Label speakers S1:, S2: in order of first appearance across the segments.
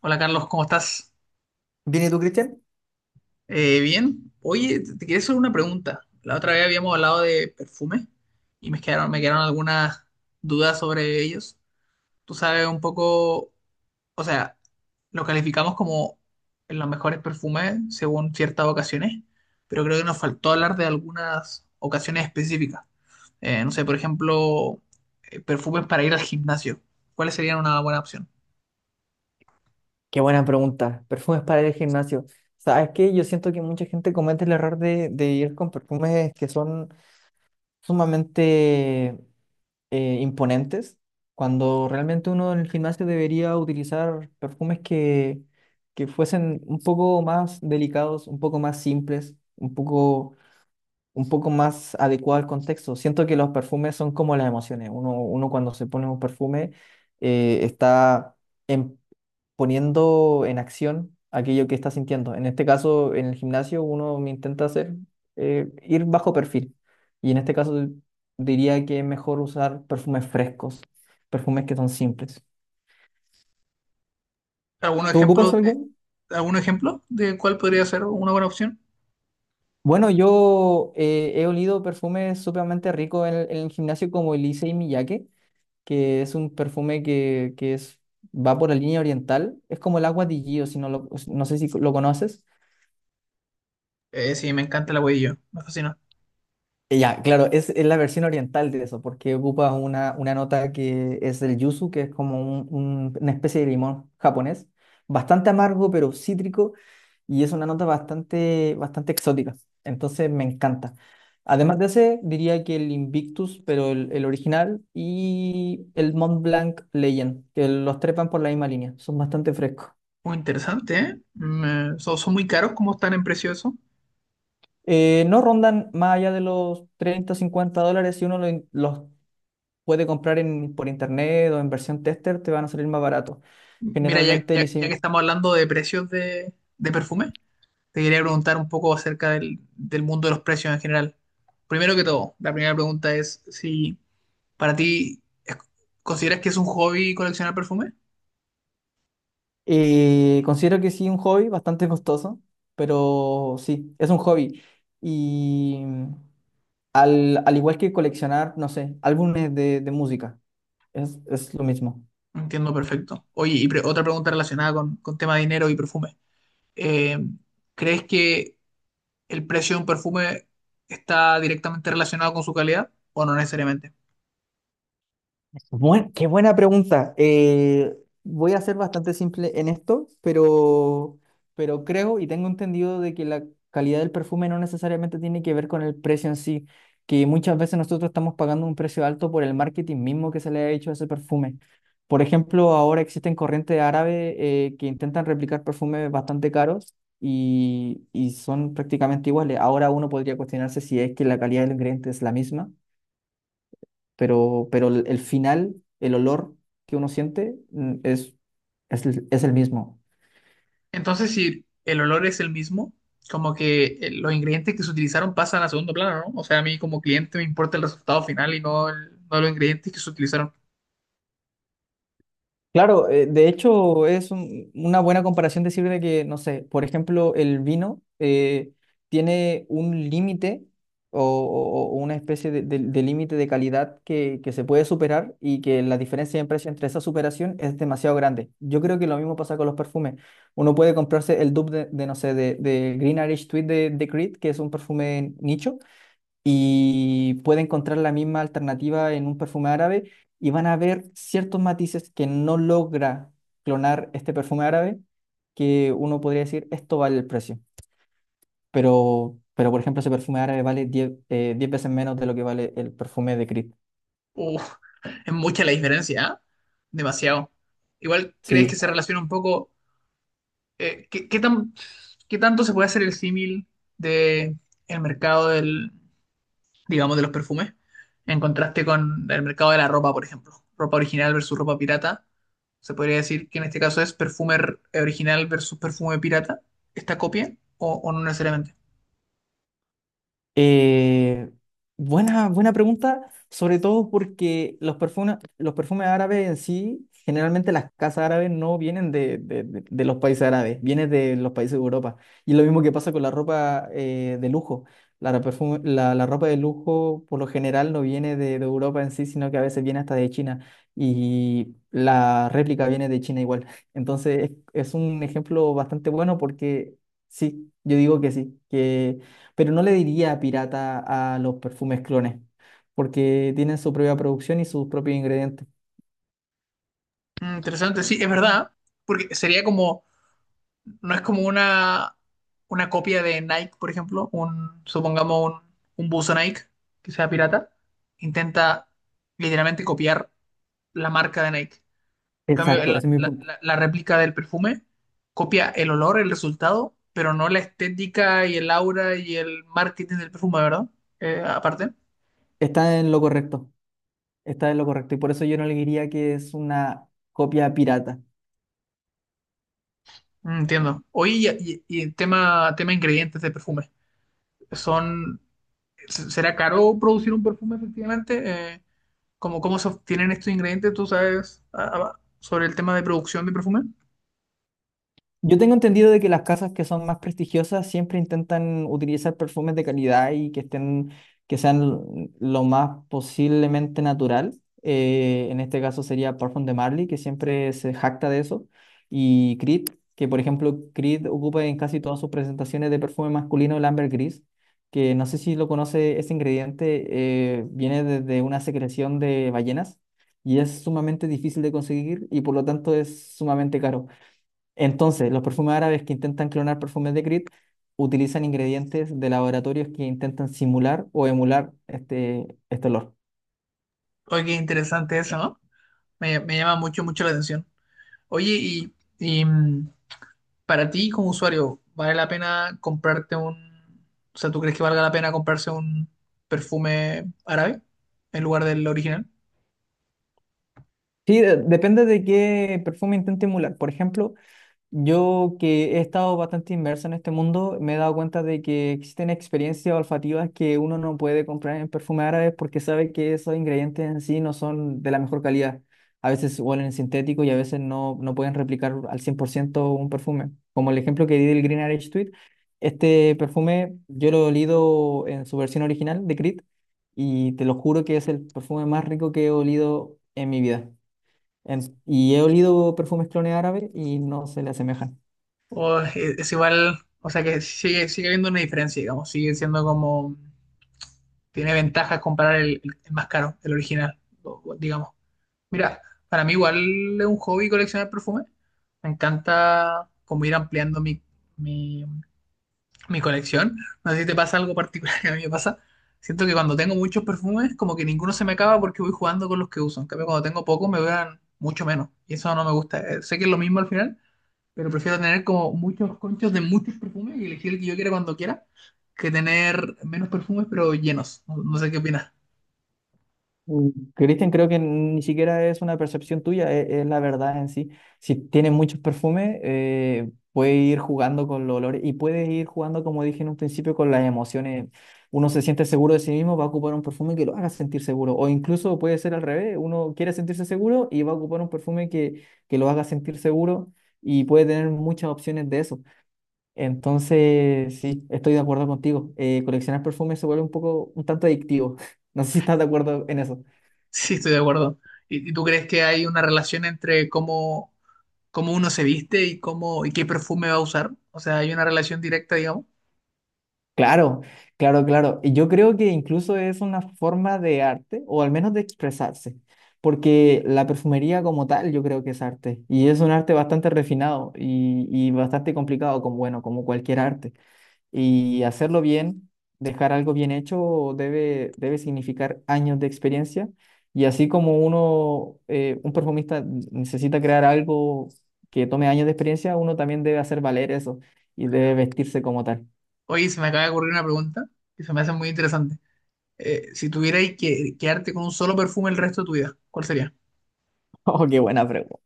S1: Hola Carlos, ¿cómo estás?
S2: Bien, ¿y tú, Cristian?
S1: Bien. Oye, te quería hacer una pregunta. La otra vez habíamos hablado de perfume y me quedaron algunas dudas sobre ellos. Tú sabes un poco, o sea, lo calificamos como los mejores perfumes según ciertas ocasiones, pero creo que nos faltó hablar de algunas ocasiones específicas. No sé, por ejemplo, perfumes para ir al gimnasio. ¿Cuáles serían una buena opción?
S2: Qué buena pregunta. Perfumes para ir al gimnasio. ¿Sabes qué? Yo siento que mucha gente comete el error de ir con perfumes que son sumamente imponentes, cuando realmente uno en el gimnasio debería utilizar perfumes que fuesen un poco más delicados, un poco más simples, un poco más adecuado al contexto. Siento que los perfumes son como las emociones. Uno cuando se pone un perfume está poniendo en acción aquello que está sintiendo. En este caso, en el gimnasio, uno me intenta hacer ir bajo perfil. Y en este caso, diría que es mejor usar perfumes frescos, perfumes que son simples.
S1: ¿Algún
S2: ¿Tú ocupas
S1: ejemplo de,
S2: algún?
S1: ¿Algún ejemplo de cuál podría ser una buena opción?
S2: Bueno, yo he olido perfumes sumamente ricos en el gimnasio como el Issey Miyake, que es un perfume que va por la línea oriental. Es como el agua de Gio, si no, no sé si lo conoces.
S1: Sí, me encanta el huevillo, me fascina.
S2: Ya, claro, es la versión oriental de eso, porque ocupa una nota que es el yuzu, que es como una especie de limón japonés, bastante amargo, pero cítrico, y es una nota bastante, bastante exótica. Entonces me encanta. Además de ese, diría que el Invictus, pero el original, y el Mont Blanc Legend, que los trepan por la misma línea, son bastante frescos.
S1: Muy interesante, ¿eh? Son, son muy caros, ¿cómo están en precio eso?
S2: No rondan más allá de los 30 50 dólares si uno los puede comprar por internet o en versión tester, te van a salir más barato.
S1: Mira,
S2: Generalmente, el
S1: ya que estamos hablando de precios de perfume, te quería preguntar un poco acerca del mundo de los precios en general. Primero que todo, la primera pregunta es si para ti consideras que es un hobby coleccionar perfume.
S2: considero que sí, un hobby bastante costoso, pero sí, es un hobby. Y al igual que coleccionar, no sé, álbumes de música, es lo mismo.
S1: Entiendo perfecto. Oye, y otra pregunta relacionada con tema de dinero y perfume. Eh, ¿Crees que el precio de un perfume está directamente relacionado con su calidad o no necesariamente?
S2: Qué buena pregunta. Voy a ser bastante simple en esto, pero creo y tengo entendido de que la calidad del perfume no necesariamente tiene que ver con el precio en sí, que muchas veces nosotros estamos pagando un precio alto por el marketing mismo que se le ha hecho a ese perfume. Por ejemplo, ahora existen corrientes árabes que intentan replicar perfumes bastante caros y son prácticamente iguales. Ahora uno podría cuestionarse si es que la calidad del ingrediente es la misma pero el final, el olor que uno siente es el mismo.
S1: Entonces, si el olor es el mismo, como que los ingredientes que se utilizaron pasan a segundo plano, ¿no? O sea, a mí como cliente me importa el resultado final y no, no los ingredientes que se utilizaron.
S2: Claro, de hecho es una buena comparación decir de que, no sé, por ejemplo, el vino tiene un límite o una especie de límite de calidad que se puede superar y que la diferencia de precio entre esa superación es demasiado grande. Yo creo que lo mismo pasa con los perfumes. Uno puede comprarse el dupe no sé, de Green Irish Tweed de Creed, que es un perfume nicho y puede encontrar la misma alternativa en un perfume árabe y van a ver ciertos matices que no logra clonar este perfume árabe, que uno podría decir, esto vale el precio, pero, por ejemplo, ese perfume árabe vale 10 10 veces menos de lo que vale el perfume de Creed.
S1: Uf, es mucha la diferencia, ¿ah? Demasiado. Igual, ¿crees que
S2: Sí.
S1: se relaciona un poco? ¿Eh, qué, qué tanto se puede hacer el símil de el mercado del, digamos, de los perfumes, en contraste con el mercado de la ropa, por ejemplo? Ropa original versus ropa pirata. Se podría decir que en este caso es perfume original versus perfume pirata, esta copia, o no necesariamente.
S2: Eh, buena pregunta, sobre todo porque los perfumes árabes en sí, generalmente las casas árabes no vienen de los países árabes, vienen de los países de Europa. Y lo mismo que pasa con la ropa de lujo. La, ro- perfume- la ropa de lujo por lo general no viene de Europa en sí, sino que a veces viene hasta de China. Y la réplica viene de China igual. Entonces es un ejemplo bastante bueno porque sí, yo digo que sí, que pero no le diría pirata a los perfumes clones, porque tienen su propia producción y sus propios ingredientes.
S1: Mm, interesante, sí, es verdad, porque sería como, no es como una copia de Nike, por ejemplo, un, supongamos un buzo Nike que sea pirata, intenta literalmente copiar la marca de Nike. En cambio,
S2: Exacto, ese es mi punto.
S1: la réplica del perfume copia el olor, el resultado, pero no la estética y el aura y el marketing del perfume, ¿verdad? Aparte.
S2: Está en lo correcto, está en lo correcto, y por eso yo no le diría que es una copia pirata.
S1: Mm, entiendo. Oye, y tema, tema ingredientes de perfume. Son, ¿será caro producir un perfume efectivamente? ¿Cómo, cómo se obtienen estos ingredientes? ¿Tú sabes ah, sobre el tema de producción de perfume?
S2: Yo tengo entendido de que las casas que son más prestigiosas siempre intentan utilizar perfumes de calidad y que estén, que sean lo más posiblemente natural. En este caso sería Parfum de Marley, que siempre se jacta de eso, y Creed, que por ejemplo Creed ocupa en casi todas sus presentaciones de perfume masculino el ambergris, que no sé si lo conoce, ese ingrediente viene desde una secreción de ballenas y es sumamente difícil de conseguir y por lo tanto es sumamente caro. Entonces, los perfumes árabes que intentan clonar perfumes de Creed utilizan ingredientes de laboratorios que intentan simular o emular este olor.
S1: Oye, qué interesante eso, ¿no? Me llama mucho, mucho la atención. Oye, para ti como usuario, ¿vale la pena comprarte un... O sea, ¿tú crees que valga la pena comprarse un perfume árabe en lugar del original?
S2: Sí, depende de qué perfume intente emular. Por ejemplo, yo que he estado bastante inmerso en este mundo, me he dado cuenta de que existen experiencias olfativas que uno no puede comprar en perfume árabe porque sabe que esos ingredientes en sí no son de la mejor calidad. A veces huelen sintético y a veces no pueden replicar al 100% un perfume. Como el ejemplo que di del Green Arage Tweed, este perfume yo lo he olido en su versión original de Creed y te lo juro que es el perfume más rico que he olido en mi vida. En- y he olido perfumes clone árabe y no se le asemejan.
S1: O es igual, o sea que sigue, sigue habiendo una diferencia, digamos, sigue siendo como... Tiene ventajas comparar el más caro, el original, o digamos. Mira, para mí igual es un hobby coleccionar perfumes. Me encanta como ir ampliando mi mi colección. No sé si te pasa algo particular que a mí me pasa. Siento que cuando tengo muchos perfumes, como que ninguno se me acaba porque voy jugando con los que uso. En cambio, cuando tengo pocos, me duran mucho menos. Y eso no me gusta. Sé que es lo mismo al final, pero prefiero tener como muchos conchos de muchos perfumes y elegir el que yo quiera cuando quiera, que tener menos perfumes pero llenos. No sé qué opinas.
S2: Mm, Cristian, creo que ni siquiera es una percepción tuya, e- es, la verdad en sí. Si tienes muchos perfumes, puede ir jugando con los olores y puedes ir jugando, como dije en un principio, con las emociones. Uno se siente seguro de sí mismo, va a ocupar un perfume que lo haga sentir seguro. O incluso puede ser al revés, uno quiere sentirse seguro y va a ocupar un perfume que lo haga sentir seguro y puede tener muchas opciones de eso. Entonces, sí, estoy de acuerdo contigo. Coleccionar perfumes se vuelve un poco, un tanto adictivo. No sé si estás de acuerdo en eso.
S1: Sí, estoy de acuerdo. Y tú crees que hay una relación entre cómo, cómo uno se viste y cómo y qué perfume va a usar? O sea, hay una relación directa, digamos.
S2: Claro, claro, claro. Y yo creo que incluso es una forma de arte, o al menos de expresarse, porque la perfumería como tal yo creo que es arte, y es un arte bastante refinado y bastante complicado, como, bueno, como cualquier arte. Y hacerlo bien, dejar algo bien hecho, debe significar años de experiencia. Y así como uno, un perfumista necesita crear algo que tome años de experiencia, uno también debe hacer valer eso y debe vestirse como tal.
S1: Oye, se me acaba de ocurrir una pregunta que se me hace muy interesante. Si tuvierais que quedarte con un solo perfume el resto de tu vida, ¿cuál sería?
S2: Oh, qué buena pregunta.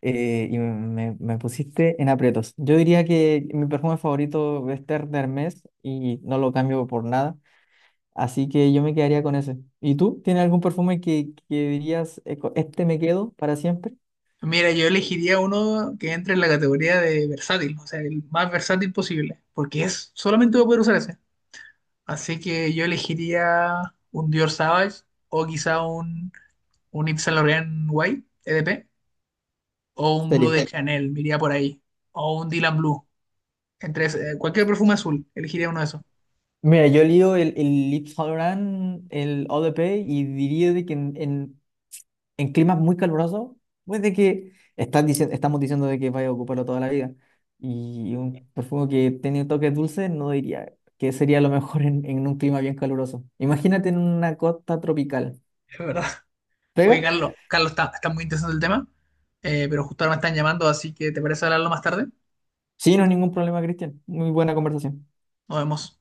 S2: Y me pusiste en aprietos. Yo diría que mi perfume favorito es Ter de Hermes y no lo cambio por nada. Así que yo me quedaría con ese. ¿Y tú? ¿Tienes algún perfume que dirías, co- este me quedo para siempre?
S1: Mira, yo elegiría uno que entre en la categoría de versátil, o sea, el más versátil posible, porque es solamente voy a poder usar ese. Así que yo elegiría un Dior Sauvage o quizá un Yves Saint Laurent White EDP o un Blue de
S2: Serio.
S1: Chanel, me iría por ahí, o un Dylan Blue. Entre cualquier perfume azul, elegiría uno de esos,
S2: Mira, yo lío el Yves Saint Laurent, el Eau de Paix, y diría de que en climas muy calurosos, pues de que estamos diciendo de que vaya a ocuparlo toda la vida. Y un perfume que tiene toques dulces, no diría que sería lo mejor en un clima bien caluroso. Imagínate en una costa tropical.
S1: es verdad.
S2: ¿Pega?
S1: Oye, Carlos, Carlos, está, está muy interesante el tema, pero justo ahora me están llamando, así que ¿te parece hablarlo más tarde?
S2: Sí, no es ningún problema, Cristian. Muy buena conversación.
S1: Nos vemos.